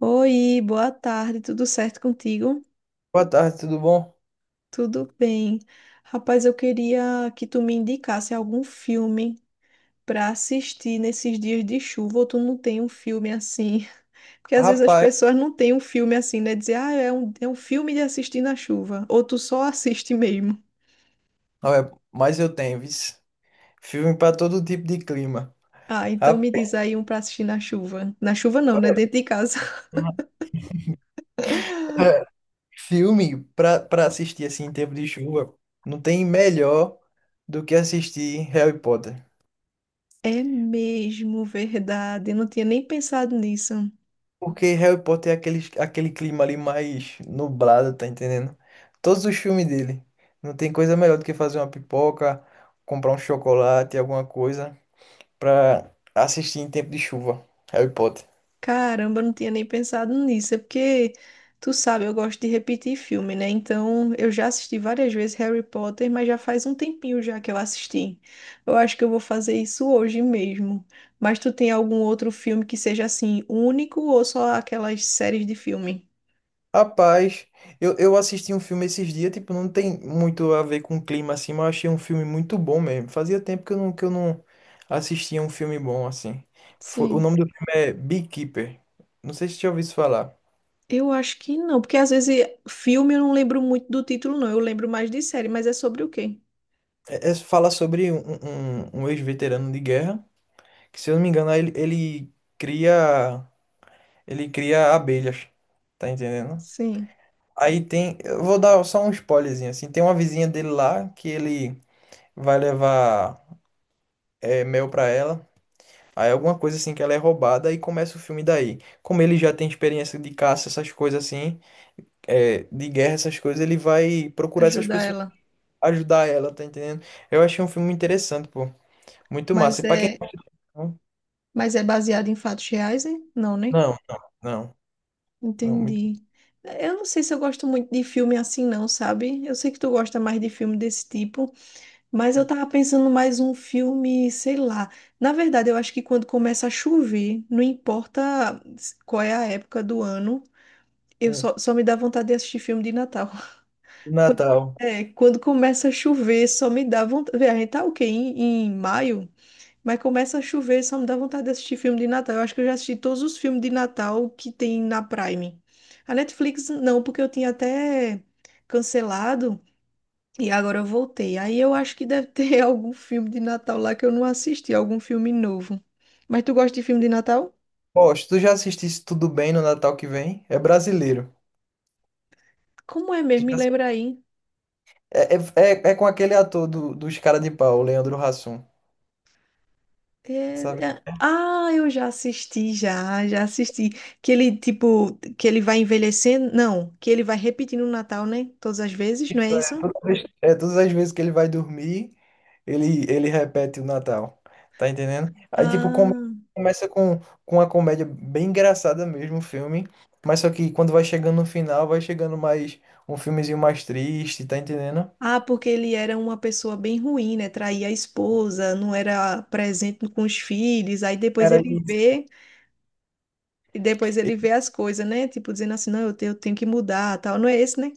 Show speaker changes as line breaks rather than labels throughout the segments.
Oi, boa tarde, tudo certo contigo?
Boa tarde, tudo bom?
Tudo bem. Rapaz, eu queria que tu me indicasse algum filme para assistir nesses dias de chuva, ou tu não tem um filme assim? Porque às vezes as
Rapaz,
pessoas não têm um filme assim, né? Dizer, ah, é um filme de assistir na chuva, ou tu só assiste mesmo.
olha, mas eu tenho, vis. Filme pra todo tipo de clima.
Ah, então
Rap-
me diz aí um para assistir na chuva. Na chuva não, né? Dentro de casa.
Filme pra para assistir assim em tempo de chuva, não tem melhor do que assistir Harry Potter.
É mesmo, verdade. Eu não tinha nem pensado nisso.
Porque Harry Potter é aquele clima ali mais nublado, tá entendendo? Todos os filmes dele. Não tem coisa melhor do que fazer uma pipoca, comprar um chocolate, alguma coisa pra assistir em tempo de chuva. Harry Potter.
Caramba, eu não tinha nem pensado nisso. É porque, tu sabe, eu gosto de repetir filme, né? Então, eu já assisti várias vezes Harry Potter, mas já faz um tempinho já que eu assisti. Eu acho que eu vou fazer isso hoje mesmo. Mas tu tem algum outro filme que seja assim, único ou só aquelas séries de filme?
Rapaz, eu assisti um filme esses dias, tipo, não tem muito a ver com clima assim, mas eu achei um filme muito bom mesmo. Fazia tempo que eu não assistia um filme bom assim. Foi, o
Sim.
nome do filme é Beekeeper. Não sei se você já ouviu isso falar.
Eu acho que não, porque às vezes filme eu não lembro muito do título, não. Eu lembro mais de série, mas é sobre o quê?
Fala sobre um ex-veterano de guerra, que se eu não me engano, ele cria abelhas, tá entendendo?
Sim.
Aí tem, eu vou dar só um spoilerzinho assim, tem uma vizinha dele lá que ele vai levar mel pra ela. Aí alguma coisa assim que ela é roubada e começa o filme daí. Como ele já tem experiência de caça, essas coisas assim, é, de guerra, essas coisas, ele vai procurar essas
Ajudar
pessoas,
ela.
ajudar ela, tá entendendo? Eu achei um filme interessante, pô. Muito massa.
Mas
E pra quem.
é,
Não,
mas é baseado em fatos reais, hein? Não, né?
não, não, não, muito
Entendi. É, eu não sei se eu gosto muito de filme assim, não, sabe? Eu sei que tu gosta mais de filme desse tipo, mas eu tava pensando mais um filme, sei lá. Na verdade, eu acho que quando começa a chover, não importa qual é a época do ano, eu
bom.
só, só me dá vontade de assistir filme de Natal.
E
Quando,
Natal.
quando começa a chover, só me dá vontade. Vê, a gente tá o quê? Em maio? Mas começa a chover, só me dá vontade de assistir filme de Natal. Eu acho que eu já assisti todos os filmes de Natal que tem na Prime. A Netflix não, porque eu tinha até cancelado e agora eu voltei. Aí eu acho que deve ter algum filme de Natal lá que eu não assisti, algum filme novo. Mas tu gosta de filme de Natal?
Pô, se tu já assistisse Tudo Bem no Natal que vem, é brasileiro.
Como é
Já
mesmo? Me
assi-
lembra aí.
É, é, com aquele ator dos Cara de Pau, o Leandro Hassum. Sabe?
É, ah, eu já assisti, já assisti. Que ele, tipo, que ele vai envelhecendo? Não, que ele vai repetindo o Natal, né? Todas as vezes, não é
Isso é.
isso?
Todas as vezes que ele vai dormir, ele repete o Natal. Tá entendendo? Aí, tipo,
Ah.
começa com uma comédia bem engraçada mesmo, o filme. Mas só que quando vai chegando no final, vai chegando mais um filmezinho mais triste, tá entendendo?
Ah, porque ele era uma pessoa bem ruim, né? Traía a esposa, não era presente com os filhos. Aí depois
Era
ele
isso.
vê, e depois ele vê as coisas, né? Tipo, dizendo assim, não, eu tenho que mudar, tal. Não é esse, né?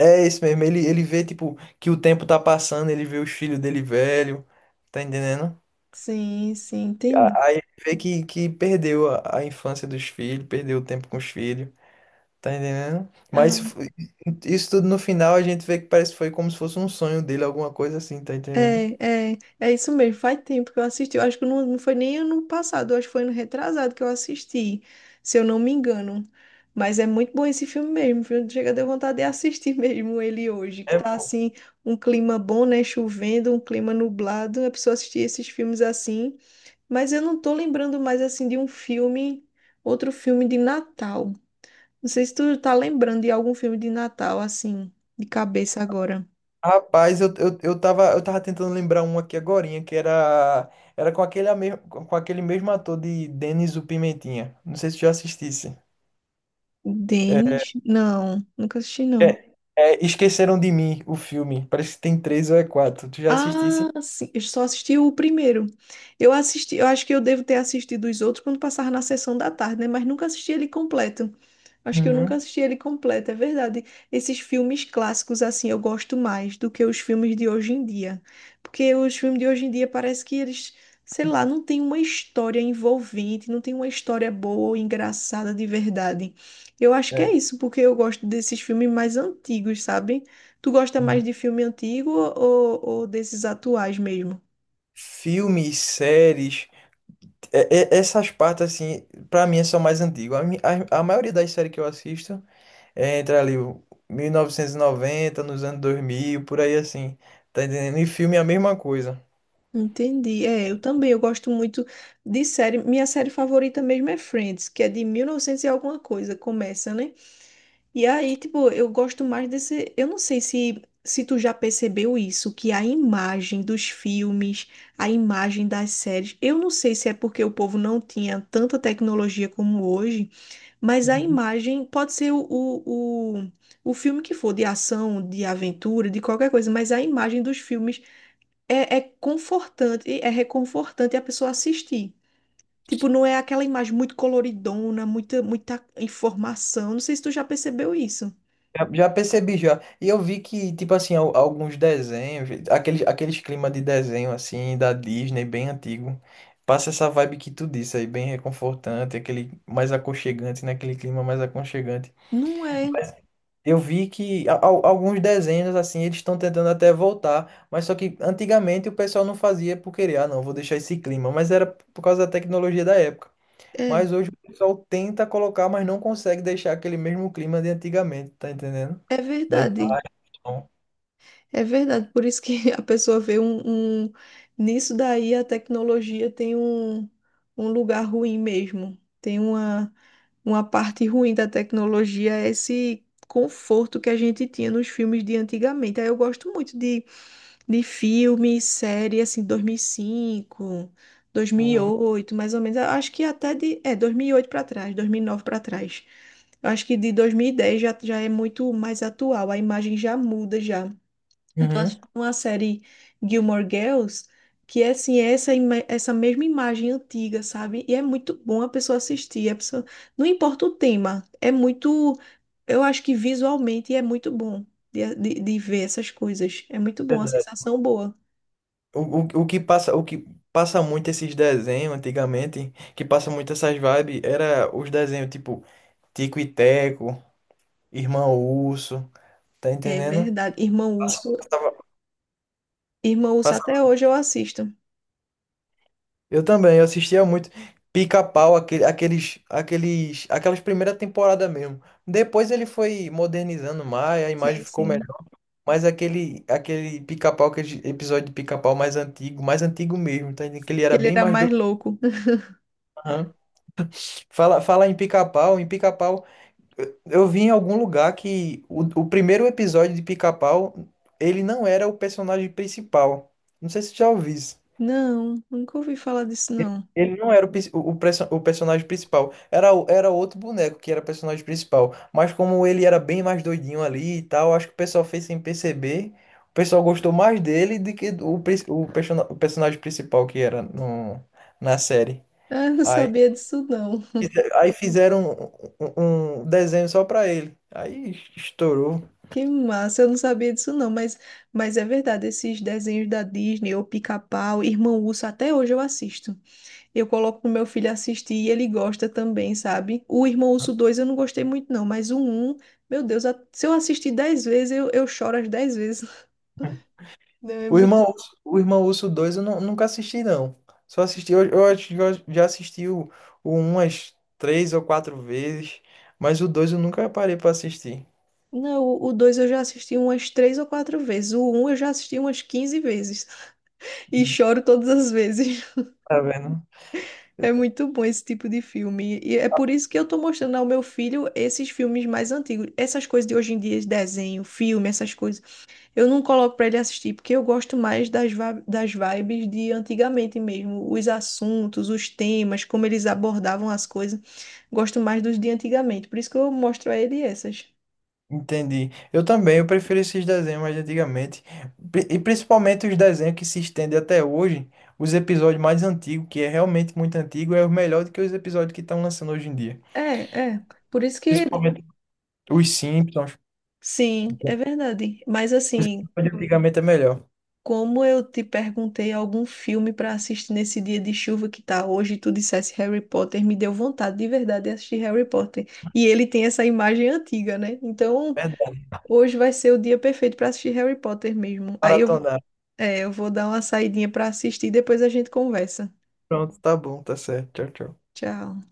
É isso mesmo. Ele vê, tipo, que o tempo tá passando, ele vê os filhos dele velho, tá entendendo?
Sim, sim,
A-
entendi.
Aí ele vê que perdeu a infância dos filhos, perdeu o tempo com os filhos. Tá entendendo? Isso tudo no final a gente vê que parece que foi como se fosse um sonho dele, alguma coisa assim, tá entendendo?
É isso mesmo. Faz tempo que eu assisti. Eu acho que não foi nem ano passado, eu acho que foi ano retrasado que eu assisti, se eu não me engano. Mas é muito bom esse filme mesmo, viu? Chega, deu vontade de assistir mesmo ele hoje, que
É,
tá
pô.
assim, um clima bom, né? Chovendo, um clima nublado. A pessoa assistir esses filmes assim. Mas eu não tô lembrando mais assim de um filme, outro filme de Natal. Não sei se tu tá lembrando de algum filme de Natal, assim, de cabeça agora.
Rapaz, eu tava tentando lembrar um aqui agorinha, que era com aquele mesmo ator de Denis o Pimentinha. Não sei se tu já assistisse.
Denis? Não, nunca assisti, não.
É, Esqueceram de Mim, o filme. Parece que tem três ou quatro. Tu já assistisse?
Ah, sim, eu só assisti o primeiro. Eu assisti, eu acho que eu devo ter assistido os outros quando passava na sessão da tarde, né? Mas nunca assisti ele completo. Acho que eu nunca
Uhum.
assisti ele completo, é verdade. Esses filmes clássicos, assim, eu gosto mais do que os filmes de hoje em dia. Porque os filmes de hoje em dia parece que eles, sei lá, não tem uma história envolvente, não tem uma história boa, engraçada de verdade. Eu acho que
É.
é isso, porque eu gosto desses filmes mais antigos, sabe? Tu gosta mais
Uhum.
de filme antigo ou desses atuais mesmo?
Filmes, séries. É- Essas partes, assim, pra mim são mais antigas. A maioria das séries que eu assisto é entre ali o 1990, nos anos 2000 por aí assim. Tá entendendo? E filme é a mesma coisa.
Entendi. É, eu também, eu gosto muito de série. Minha série favorita mesmo é Friends, que é de 1900 e novecentos e alguma coisa, começa, né? E aí, tipo, eu gosto mais desse. Eu não sei se tu já percebeu isso, que a imagem dos filmes, a imagem das séries. Eu não sei se é porque o povo não tinha tanta tecnologia como hoje. Mas a
Uhum.
imagem pode ser o filme que for, de ação, de aventura, de qualquer coisa, mas a imagem dos filmes é confortante, é reconfortante a pessoa assistir. Tipo, não é aquela imagem muito coloridona, muita, muita informação. Não sei se tu já percebeu isso.
Já percebi já. E eu vi que, tipo assim, alguns desenhos, aqueles clima de desenho, assim, da Disney, bem antigo. Passa essa vibe que tu disse aí, bem reconfortante, aquele mais aconchegante, né? Aquele clima mais aconchegante.
Não é,
Eu vi que alguns desenhos, assim, eles estão tentando até voltar, mas só que antigamente o pessoal não fazia por querer, não, vou deixar esse clima, mas era por causa da tecnologia da época.
é,
Mas hoje o pessoal tenta colocar, mas não consegue deixar aquele mesmo clima de antigamente, tá entendendo?
é
Daí,
verdade.
então.
É verdade, por isso que a pessoa vê um, Nisso daí a tecnologia tem um, lugar ruim mesmo. Tem uma parte ruim da tecnologia, é esse conforto que a gente tinha nos filmes de antigamente. Aí eu gosto muito de filme, série, assim, dois mil e cinco, dois mil e
Uhum,
oito, mais ou menos. Eu acho que É, 2008 para trás, 2009 para trás. Eu acho que de 2010 já é muito mais atual, a imagem já muda já. Eu tô
uhum.
assistindo uma série Gilmore Girls, que é assim, é essa mesma imagem antiga, sabe? E é muito bom a pessoa assistir. Não importa o tema, é muito. Eu acho que visualmente é muito bom de ver essas coisas. É muito bom, a
Verdade.
sensação boa.
O que passa muito esses desenhos antigamente, que passa muito essas vibes, era os desenhos tipo Tico e Teco, Irmão Urso, tá
É
entendendo?
verdade. Irmão Urso, Irmão Urso, até
Passava.
hoje eu assisto.
Eu também, eu assistia muito Pica-Pau, aquelas primeiras temporadas mesmo. Depois ele foi modernizando mais, a imagem
Sim,
ficou
sim.
melhor. Mas aquele Pica-Pau, aquele episódio de Pica-Pau mais antigo mesmo, tá entendendo? Que ele
Que
era
ele
bem
era
mais
mais
doido.
louco.
Aham. Fala em Pica-Pau, eu vi em algum lugar que o primeiro episódio de Pica-Pau, ele não era o personagem principal. Não sei se você já ouviu isso.
Não, nunca ouvi falar disso, não.
Ele não era o, pis- o perso- o personagem principal. Era outro boneco que era personagem principal. Mas como ele era bem mais doidinho ali e tal, acho que o pessoal fez sem perceber. O pessoal gostou mais dele do que do- o, pris- o, persona- o personagem principal que era no, na série.
Ah, eu não
Aí,
sabia disso, não.
aí fizeram um desenho só pra ele. Aí estourou.
Que massa, eu não sabia disso não, mas é verdade, esses desenhos da Disney, ou Pica-Pau, Irmão Urso, até hoje eu assisto. Eu coloco pro meu filho assistir e ele gosta também, sabe? O Irmão Urso 2 eu não gostei muito não, mas o um, meu Deus, se eu assistir 10 vezes, eu choro as 10 vezes. Não, é
O
muito...
Irmão Urso, o Irmão Urso dois eu nunca assisti, não. Só assisti, eu acho que eu já assisti o um umas três ou quatro vezes, mas o 2 eu nunca parei pra assistir.
Não, o 2 eu já assisti umas 3 ou 4 vezes, o um eu já assisti umas 15 vezes e choro todas as vezes.
Tá vendo?
É muito bom esse tipo de filme. E é por isso que eu tô mostrando ao meu filho esses filmes mais antigos. Essas coisas de hoje em dia, de desenho, filme, essas coisas. Eu não coloco pra ele assistir, porque eu gosto mais das vibes de antigamente mesmo. Os assuntos, os temas, como eles abordavam as coisas. Gosto mais dos de antigamente. Por isso que eu mostro a ele essas.
Entendi. Eu também, eu prefiro esses desenhos mais de antigamente. E principalmente os desenhos que se estendem até hoje, os episódios mais antigos, que é realmente muito antigo, é o melhor do que os episódios que estão lançando hoje em dia.
É, é. Por isso que.
Principalmente os Simpsons.
Sim, é verdade. Mas
Os
assim,
episódios de antigamente é melhor.
como eu te perguntei algum filme para assistir nesse dia de chuva que tá hoje, e tu dissesse Harry Potter, me deu vontade de verdade de assistir Harry Potter. E ele tem essa imagem antiga, né? Então,
Verdade.
hoje vai ser o dia perfeito para assistir Harry Potter mesmo. Aí eu,
Maratona.
é, eu vou dar uma saidinha para assistir e depois a gente conversa.
Pronto, tá bom, tá certo. Tchau, tchau.
Tchau.